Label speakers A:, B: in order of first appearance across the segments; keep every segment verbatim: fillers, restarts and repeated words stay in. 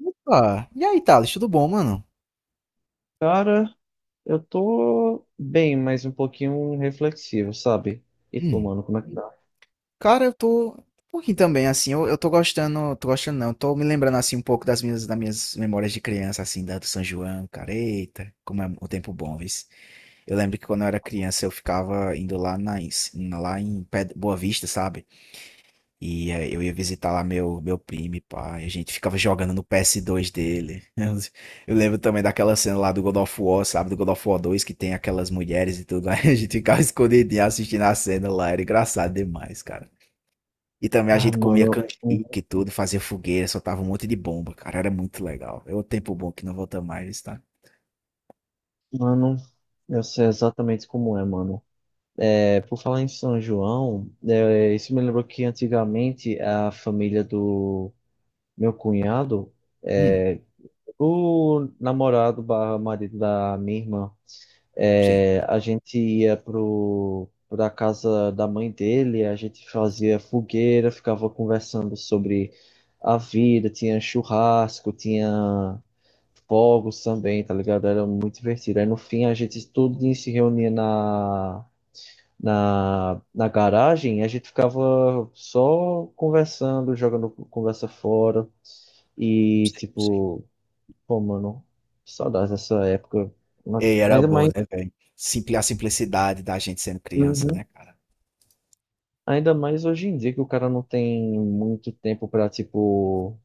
A: Opa! E aí, Thales, tudo bom, mano?
B: Cara, eu tô bem, mas um pouquinho reflexivo, sabe? E tu,
A: Hum.
B: mano, como é que tá?
A: Cara, eu tô um pouquinho também, assim, eu, eu tô gostando, tô gostando não, tô me lembrando, assim, um pouco das minhas, das minhas memórias de criança, assim, da do São João, cara, eita, como é o tempo bom, vis. Eu lembro que quando eu era criança, eu ficava indo lá na, em- lá em Ped- Boa Vista, sabe? E eh, eu ia visitar lá meu, meu primo, pai. A gente ficava jogando no P S dois dele. Eu, eu lembro também daquela cena lá do God of War, sabe? Do God of War dois que tem aquelas mulheres e tudo. Aí a gente ficava escondidinho assistindo a cena lá. Era engraçado demais, cara. E também a
B: Ah,
A: gente comia
B: mano,
A: canjica
B: um-
A: e tudo, fazia fogueira, soltava um monte de bomba, cara. Era muito legal. É outro tempo bom que não volta mais, tá?
B: mano, eu sei exatamente como é, mano. É, por falar em São João, é, isso me lembrou que antigamente a família do meu cunhado,
A: Hum,
B: é, o namorado barra marido da minha irmã,
A: sim.
B: É, a gente ia pro, pra casa da mãe dele, a gente fazia fogueira, ficava conversando sobre a vida, tinha churrasco, tinha fogos também, tá ligado? Era muito divertido. Aí no fim a gente todo dia se reunia na, na, na garagem e a gente ficava só conversando, jogando conversa fora e
A: Sim, sim.
B: tipo, pô, mano, saudades dessa época. Mas
A: E era
B: ainda
A: bom,
B: mais.
A: né, velho? Simpli a simplicidade da gente sendo criança,
B: Uhum.
A: né, cara?
B: Ainda mais hoje em dia que o cara não tem muito tempo para, tipo,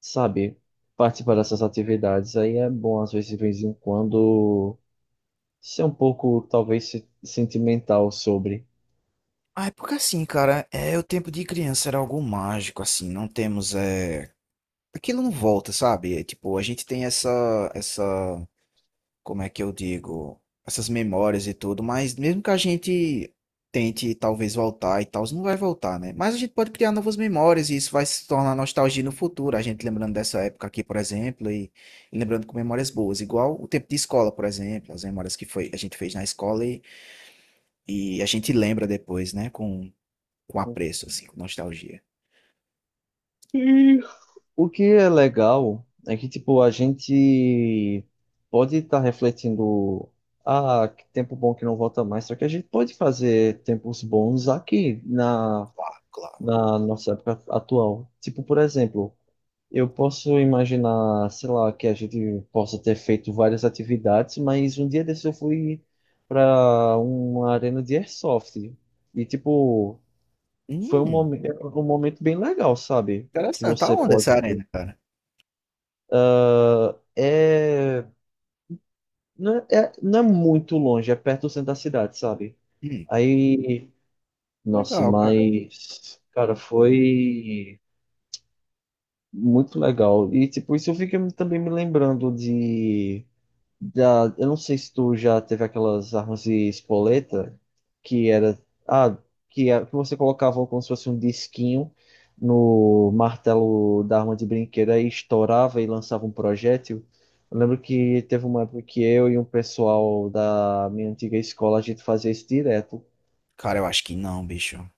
B: sabe, participar dessas atividades. Aí é bom, às vezes, de vez em quando, ser um pouco, talvez, se- sentimental sobre.
A: Ah, é porque assim, cara, é o tempo de criança era algo mágico, assim, não temos, é... Aquilo não volta, sabe? É, tipo, a gente tem essa, essa, como é que eu digo, essas memórias e tudo, mas mesmo que a gente tente talvez voltar e tal, não vai voltar, né? Mas a gente pode criar novas memórias e isso vai se tornar nostalgia no futuro, a gente lembrando dessa época aqui, por exemplo, e, e lembrando com memórias boas, igual o tempo de escola, por exemplo, as memórias que foi, a gente fez na escola e, e a gente lembra depois, né? Com com apreço, assim, com nostalgia.
B: O que é legal é que, tipo, a gente pode estar refletindo, ah, que tempo bom que não volta mais, só que a gente pode fazer tempos bons aqui na,
A: Claro, claro.
B: na nossa época atual. Tipo, por exemplo. Eu posso imaginar, sei lá, que a gente possa ter feito várias atividades, mas um dia desse eu fui para uma arena de airsoft. E, tipo, foi um
A: Hum,
B: momento, um momento bem legal, sabe? Que
A: interessante. Tá
B: você
A: onde
B: pode.
A: essa arena, cara?
B: É... Não é, é- não é muito longe, é perto do centro da cidade, sabe?
A: Hum,
B: Aí, nossa,
A: legal, cara.
B: mas, cara, foi muito legal. E, tipo, isso eu fiquei também me lembrando de. Da, eu não sei se tu já teve aquelas armas de espoleta que era, ah, que, é- que você colocava como se fosse um disquinho no martelo da arma de brinquedo e estourava e lançava um projétil. Eu lembro que teve uma época que eu e um pessoal da minha antiga escola a gente fazia isso direto.
A: Cara, eu acho que não, bicho.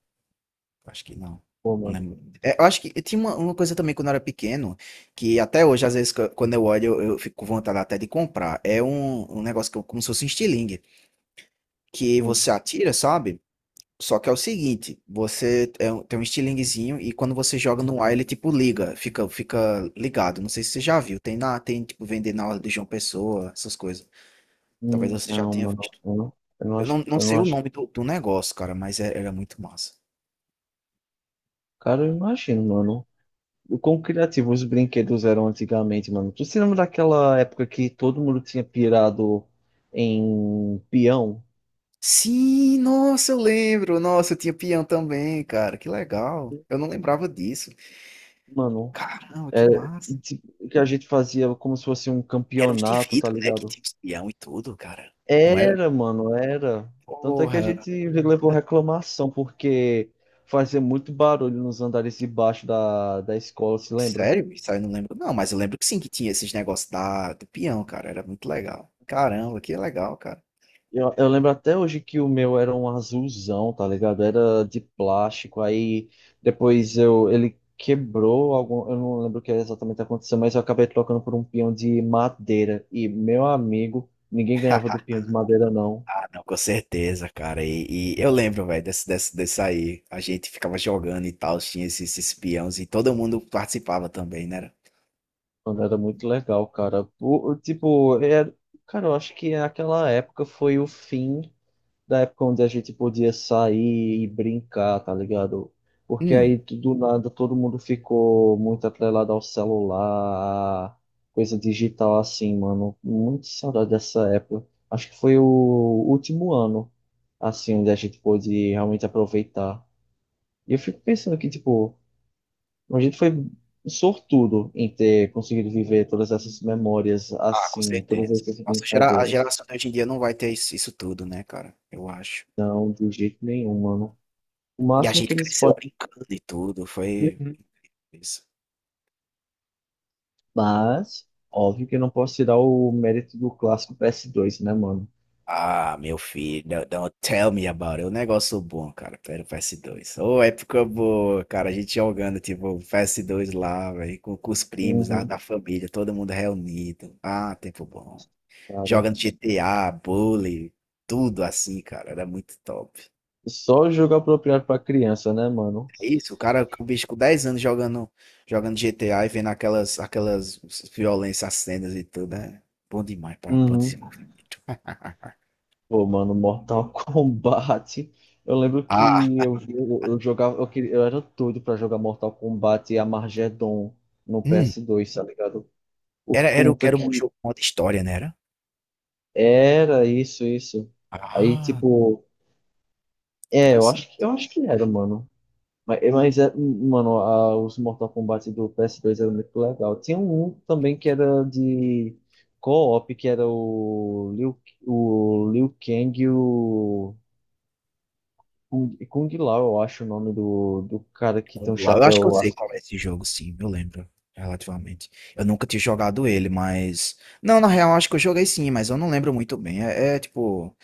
A: Eu acho que não.
B: Pô,
A: Não
B: mano.
A: lembro. É, eu acho que tinha uma, uma coisa também quando eu era pequeno, que até hoje, às vezes, qu- quando eu olho, eu, eu fico com vontade até de comprar. É um, um negócio que, eu- como se fosse um estilingue, que
B: Hum.
A: você atira, sabe? Só que é o seguinte, você é um- tem um estilinguezinho e quando você joga no ar, ele tipo liga, fica, fica ligado. Não sei se você já viu, tem na, tem tipo vender na hora de João Pessoa, essas coisas. Talvez
B: Hum.
A: você já
B: Não,
A: tenha
B: mano.
A: visto.
B: Eu não, eu não
A: Eu
B: acho,
A: não, não
B: eu
A: sei
B: não
A: o
B: acho.
A: nome do, do negócio, cara, mas é- era muito massa.
B: Cara, eu imagino, mano, o quão criativos os brinquedos eram antigamente, mano. Tu se lembra daquela época que todo mundo tinha pirado em peão?
A: Sim, nossa, eu lembro. Nossa, eu tinha peão também, cara. Que legal. Eu não lembrava disso.
B: Mano,
A: Caramba, que
B: é,
A: massa.
B: ti- que a gente fazia como se fosse um
A: Eram uns de
B: campeonato, tá
A: vidro, né, que
B: ligado?
A: tinha os peão e tudo, cara. Não era?
B: Era, mano, era. Tanto é que a
A: Porra.
B: gente levou reclamação, porque fazia muito barulho nos andares de baixo da, da escola, se lembra?
A: Sério? Isso aí eu não lembro. Não, mas eu lembro que sim, que tinha esses negócios da, do peão, cara. Era muito legal. Caramba, que legal, cara.
B: Eu, eu lembro até hoje que o meu era um azulzão, tá ligado? Era de plástico, aí depois eu, ele quebrou algum, eu não lembro o que exatamente aconteceu, mas eu acabei trocando por um peão de madeira. E, meu amigo, ninguém ganhava do peão de madeira, não.
A: não, com certeza, cara. E, e eu lembro, velho, desse, desse, desse aí. A gente ficava jogando e tal, tinha esses, esses peões e todo mundo participava também, né?
B: Mano, era muito legal, cara. O, o- tipo, é, cara, eu acho que aquela época foi o fim da época onde a gente podia sair e brincar, tá ligado? Porque aí
A: Hum.
B: tu- do nada todo mundo ficou muito atrelado ao celular, à coisa digital assim, mano. Muito saudade dessa época. Acho que foi o último ano, assim, onde a gente pôde realmente aproveitar. E eu fico pensando que, tipo, a gente foi sortudo em ter conseguido viver todas essas memórias
A: Ah, com
B: assim, todas
A: certeza.
B: essas
A: Nossa, a gera- a
B: brincadeiras.
A: geração de hoje em dia não vai ter isso, isso tudo, né, cara? Eu acho.
B: Não, de jeito nenhum, mano. O
A: E a
B: máximo que
A: gente
B: eles
A: cresceu
B: podem.
A: brincando e tudo. Foi.
B: Mas, óbvio que eu não posso tirar o mérito do clássico P S dois, né, mano?
A: Ah, meu filho, não, não, tell me about it. É um negócio bom, cara. Pera, P S dois. Ô, é época boa, cara. A gente jogando, tipo, P S dois lá, velho, com, com os primos da,
B: Uhum,
A: da família, todo mundo reunido. Ah, tempo bom.
B: cara.
A: Jogando G T A, Bully, tudo assim, cara. Era muito top.
B: Só jogo apropriado pra criança, né, mano?
A: É isso, o cara, o bicho com dez anos jogando, jogando G T A e vendo aquelas, aquelas violências, cenas e tudo, né? Bom demais para o
B: Uhum.
A: desenvolvimento.
B: Pô, mano, Mortal Kombat. Eu lembro
A: Ah,
B: que eu, eu, eu jogava, eu, queria, eu era doido pra jogar Mortal Kombat e Armageddon no
A: hum.
B: P S dois, tá ligado? Por
A: Era, era, o-
B: conta
A: era um
B: que
A: jogo modo história, né? Era?
B: era isso, isso. Aí,
A: Ah,
B: tipo, é, eu acho
A: interessante.
B: que, eu acho que era, mano. Mas, eh, mas é, mano, a- os Mortal Kombat do P S dois eram muito legal. Tinha um também que era de co-op, que era o Liu, o Liu Kang e o Kung, Kung Lao, eu acho o nome do, do cara que tem um
A: Congular, eu acho que eu
B: chapéu
A: sei
B: assim.
A: qual é esse jogo, sim, eu lembro, relativamente. Eu nunca tinha jogado ele, mas. Não, na real, acho que eu joguei sim, mas eu não lembro muito bem. É, é, tipo.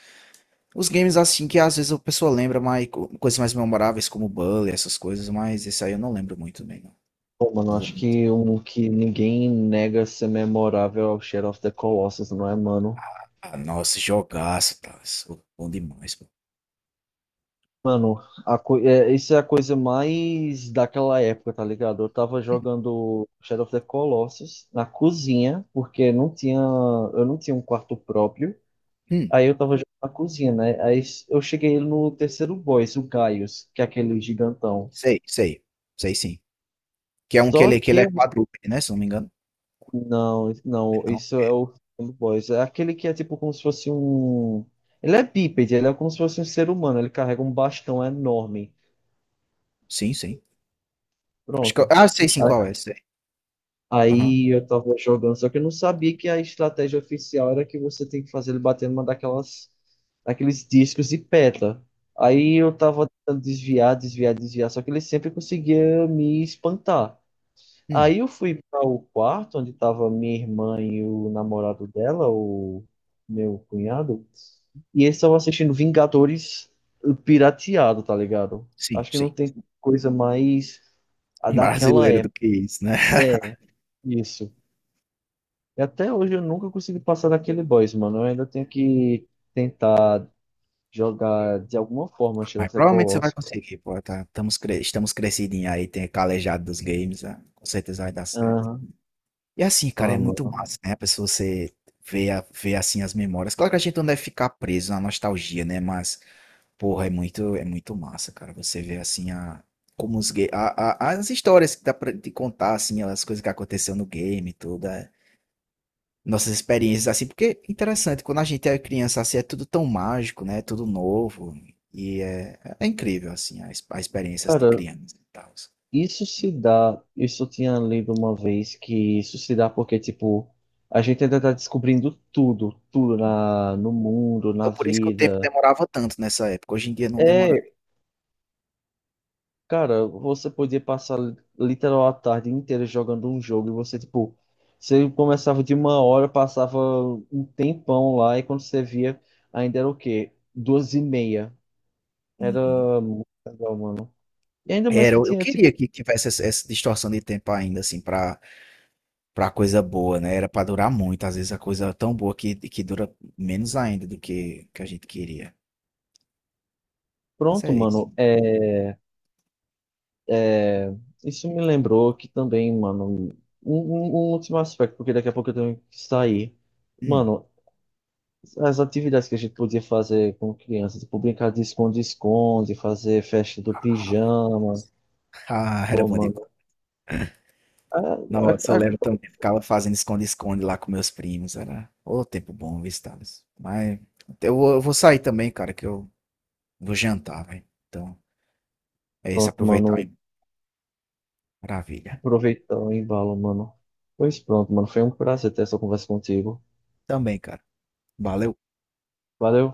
A: Os games assim que às vezes a pessoa lembra mais co- coisas mais memoráveis, como Bully, essas coisas, mas esse aí eu não lembro muito bem, não.
B: Pô, mano,
A: Não vou
B: acho
A: mentir.
B: que um que ninguém nega ser memorável é o Shadow of the Colossus, não é, mano?
A: Ah, nossa, jogaço, tá. Isso é bom demais, pô.
B: Mano, a co... é, isso é a coisa mais daquela época, tá ligado? Eu tava
A: Hum,
B: jogando Shadow of the Colossus na cozinha, porque não tinha... eu não tinha um quarto próprio.
A: hum,
B: Aí eu tava jogando na cozinha, né? Aí s- eu cheguei no terceiro boss, o Gaius, que é aquele gigantão.
A: sei, sei. Sei sim. Que é um que
B: Só
A: ele, que
B: que
A: ele é
B: eu...
A: quadrúpede, né? Se eu não me engano.
B: não, não,
A: Não.
B: isso é o segundo boss. É aquele que é tipo como se fosse um. Ele é bípede, ele é como se fosse um ser humano, ele carrega um bastão enorme.
A: Sim, sim. Acho que eu...
B: Pronto.
A: Ah, sei sim qual é, sei. Aham.
B: Aí eu tava jogando, só que eu não sabia que a estratégia oficial era que você tem que fazer ele bater numa daquelas, daqueles discos de pedra. Aí eu tava tentando desviar, desviar, desviar, só que ele sempre conseguia me espantar.
A: Hum,
B: Aí eu fui para o quarto onde tava minha irmã e o namorado dela, o meu cunhado, e eles estavam assistindo Vingadores pirateado, tá ligado?
A: sim,
B: Acho que
A: sim.
B: não tem coisa mais a
A: Um
B: daquela
A: brasileiro do
B: época.
A: que isso, né?
B: É, isso. E até hoje eu nunca consegui passar daquele boss, mano. Eu ainda tenho que tentar jogar de alguma forma Shadow
A: Mas
B: of the
A: provavelmente você vai
B: Colossus.
A: conseguir, pô, tá, estamos, cre estamos crescidinhos aí, tem calejado dos games, né? Com certeza vai dar certo.
B: Aham.
A: E assim, cara,
B: Ah,
A: é muito
B: mano.
A: massa, né? A pessoa você vê, a, vê assim as memórias. Claro que a gente não deve ficar preso na nostalgia, né? Mas, porra, é muito, é muito massa, cara. Você vê assim a, como os ga- a, a- as histórias que dá pra te contar, assim, as coisas que aconteceu no game e tudo. É. Nossas experiências assim, porque é interessante, quando a gente é criança assim, é tudo tão mágico, né? É tudo novo e é, é incrível assim as, as experiências de
B: Cara,
A: criança e tal.
B: isso se dá. Isso eu tinha lido uma vez que isso se dá porque, tipo, a gente ainda tá descobrindo tudo, tudo na, no mundo,
A: Então
B: na
A: por isso que o tempo
B: vida.
A: demorava tanto nessa época. Hoje em dia não demora.
B: É, cara, você podia passar literal a tarde inteira jogando um jogo e você, tipo, você começava de uma hora, passava um tempão lá e quando você via, ainda era o quê? Duas e meia.
A: Uhum.
B: Era muito legal, mano. E ainda mais
A: Era,
B: que
A: eu eu
B: tinha, tipo,
A: queria que tivesse essa essa distorção de tempo ainda, assim, pra pra coisa boa, né, era pra durar muito, às vezes a coisa é tão boa que que dura menos ainda do que que a gente queria. Mas
B: pronto,
A: é isso.
B: mano, é, é... isso me lembrou que também, mano, um, um- um último aspecto, porque daqui a pouco eu tenho que sair.
A: Hum.
B: Mano, as atividades que a gente podia fazer com criança, tipo brincar de esconde-esconde, fazer festa do pijama.
A: Ah, era
B: Pô,
A: bom demais.
B: mano. a- a-
A: Nossa, eu
B: a-
A: lembro também, ficava fazendo esconde-esconde lá com meus primos, era ô tempo bom, viu, Thales. Mas eu vou eu vou sair também, cara, que eu vou jantar, velho. Então, é isso,
B: Pronto,
A: aproveitar,
B: mano.
A: hein. Maravilha.
B: Aproveitar o embalo, mano. Pois pronto, mano. Foi um prazer ter essa conversa contigo.
A: Também, cara. Valeu.
B: Valeu.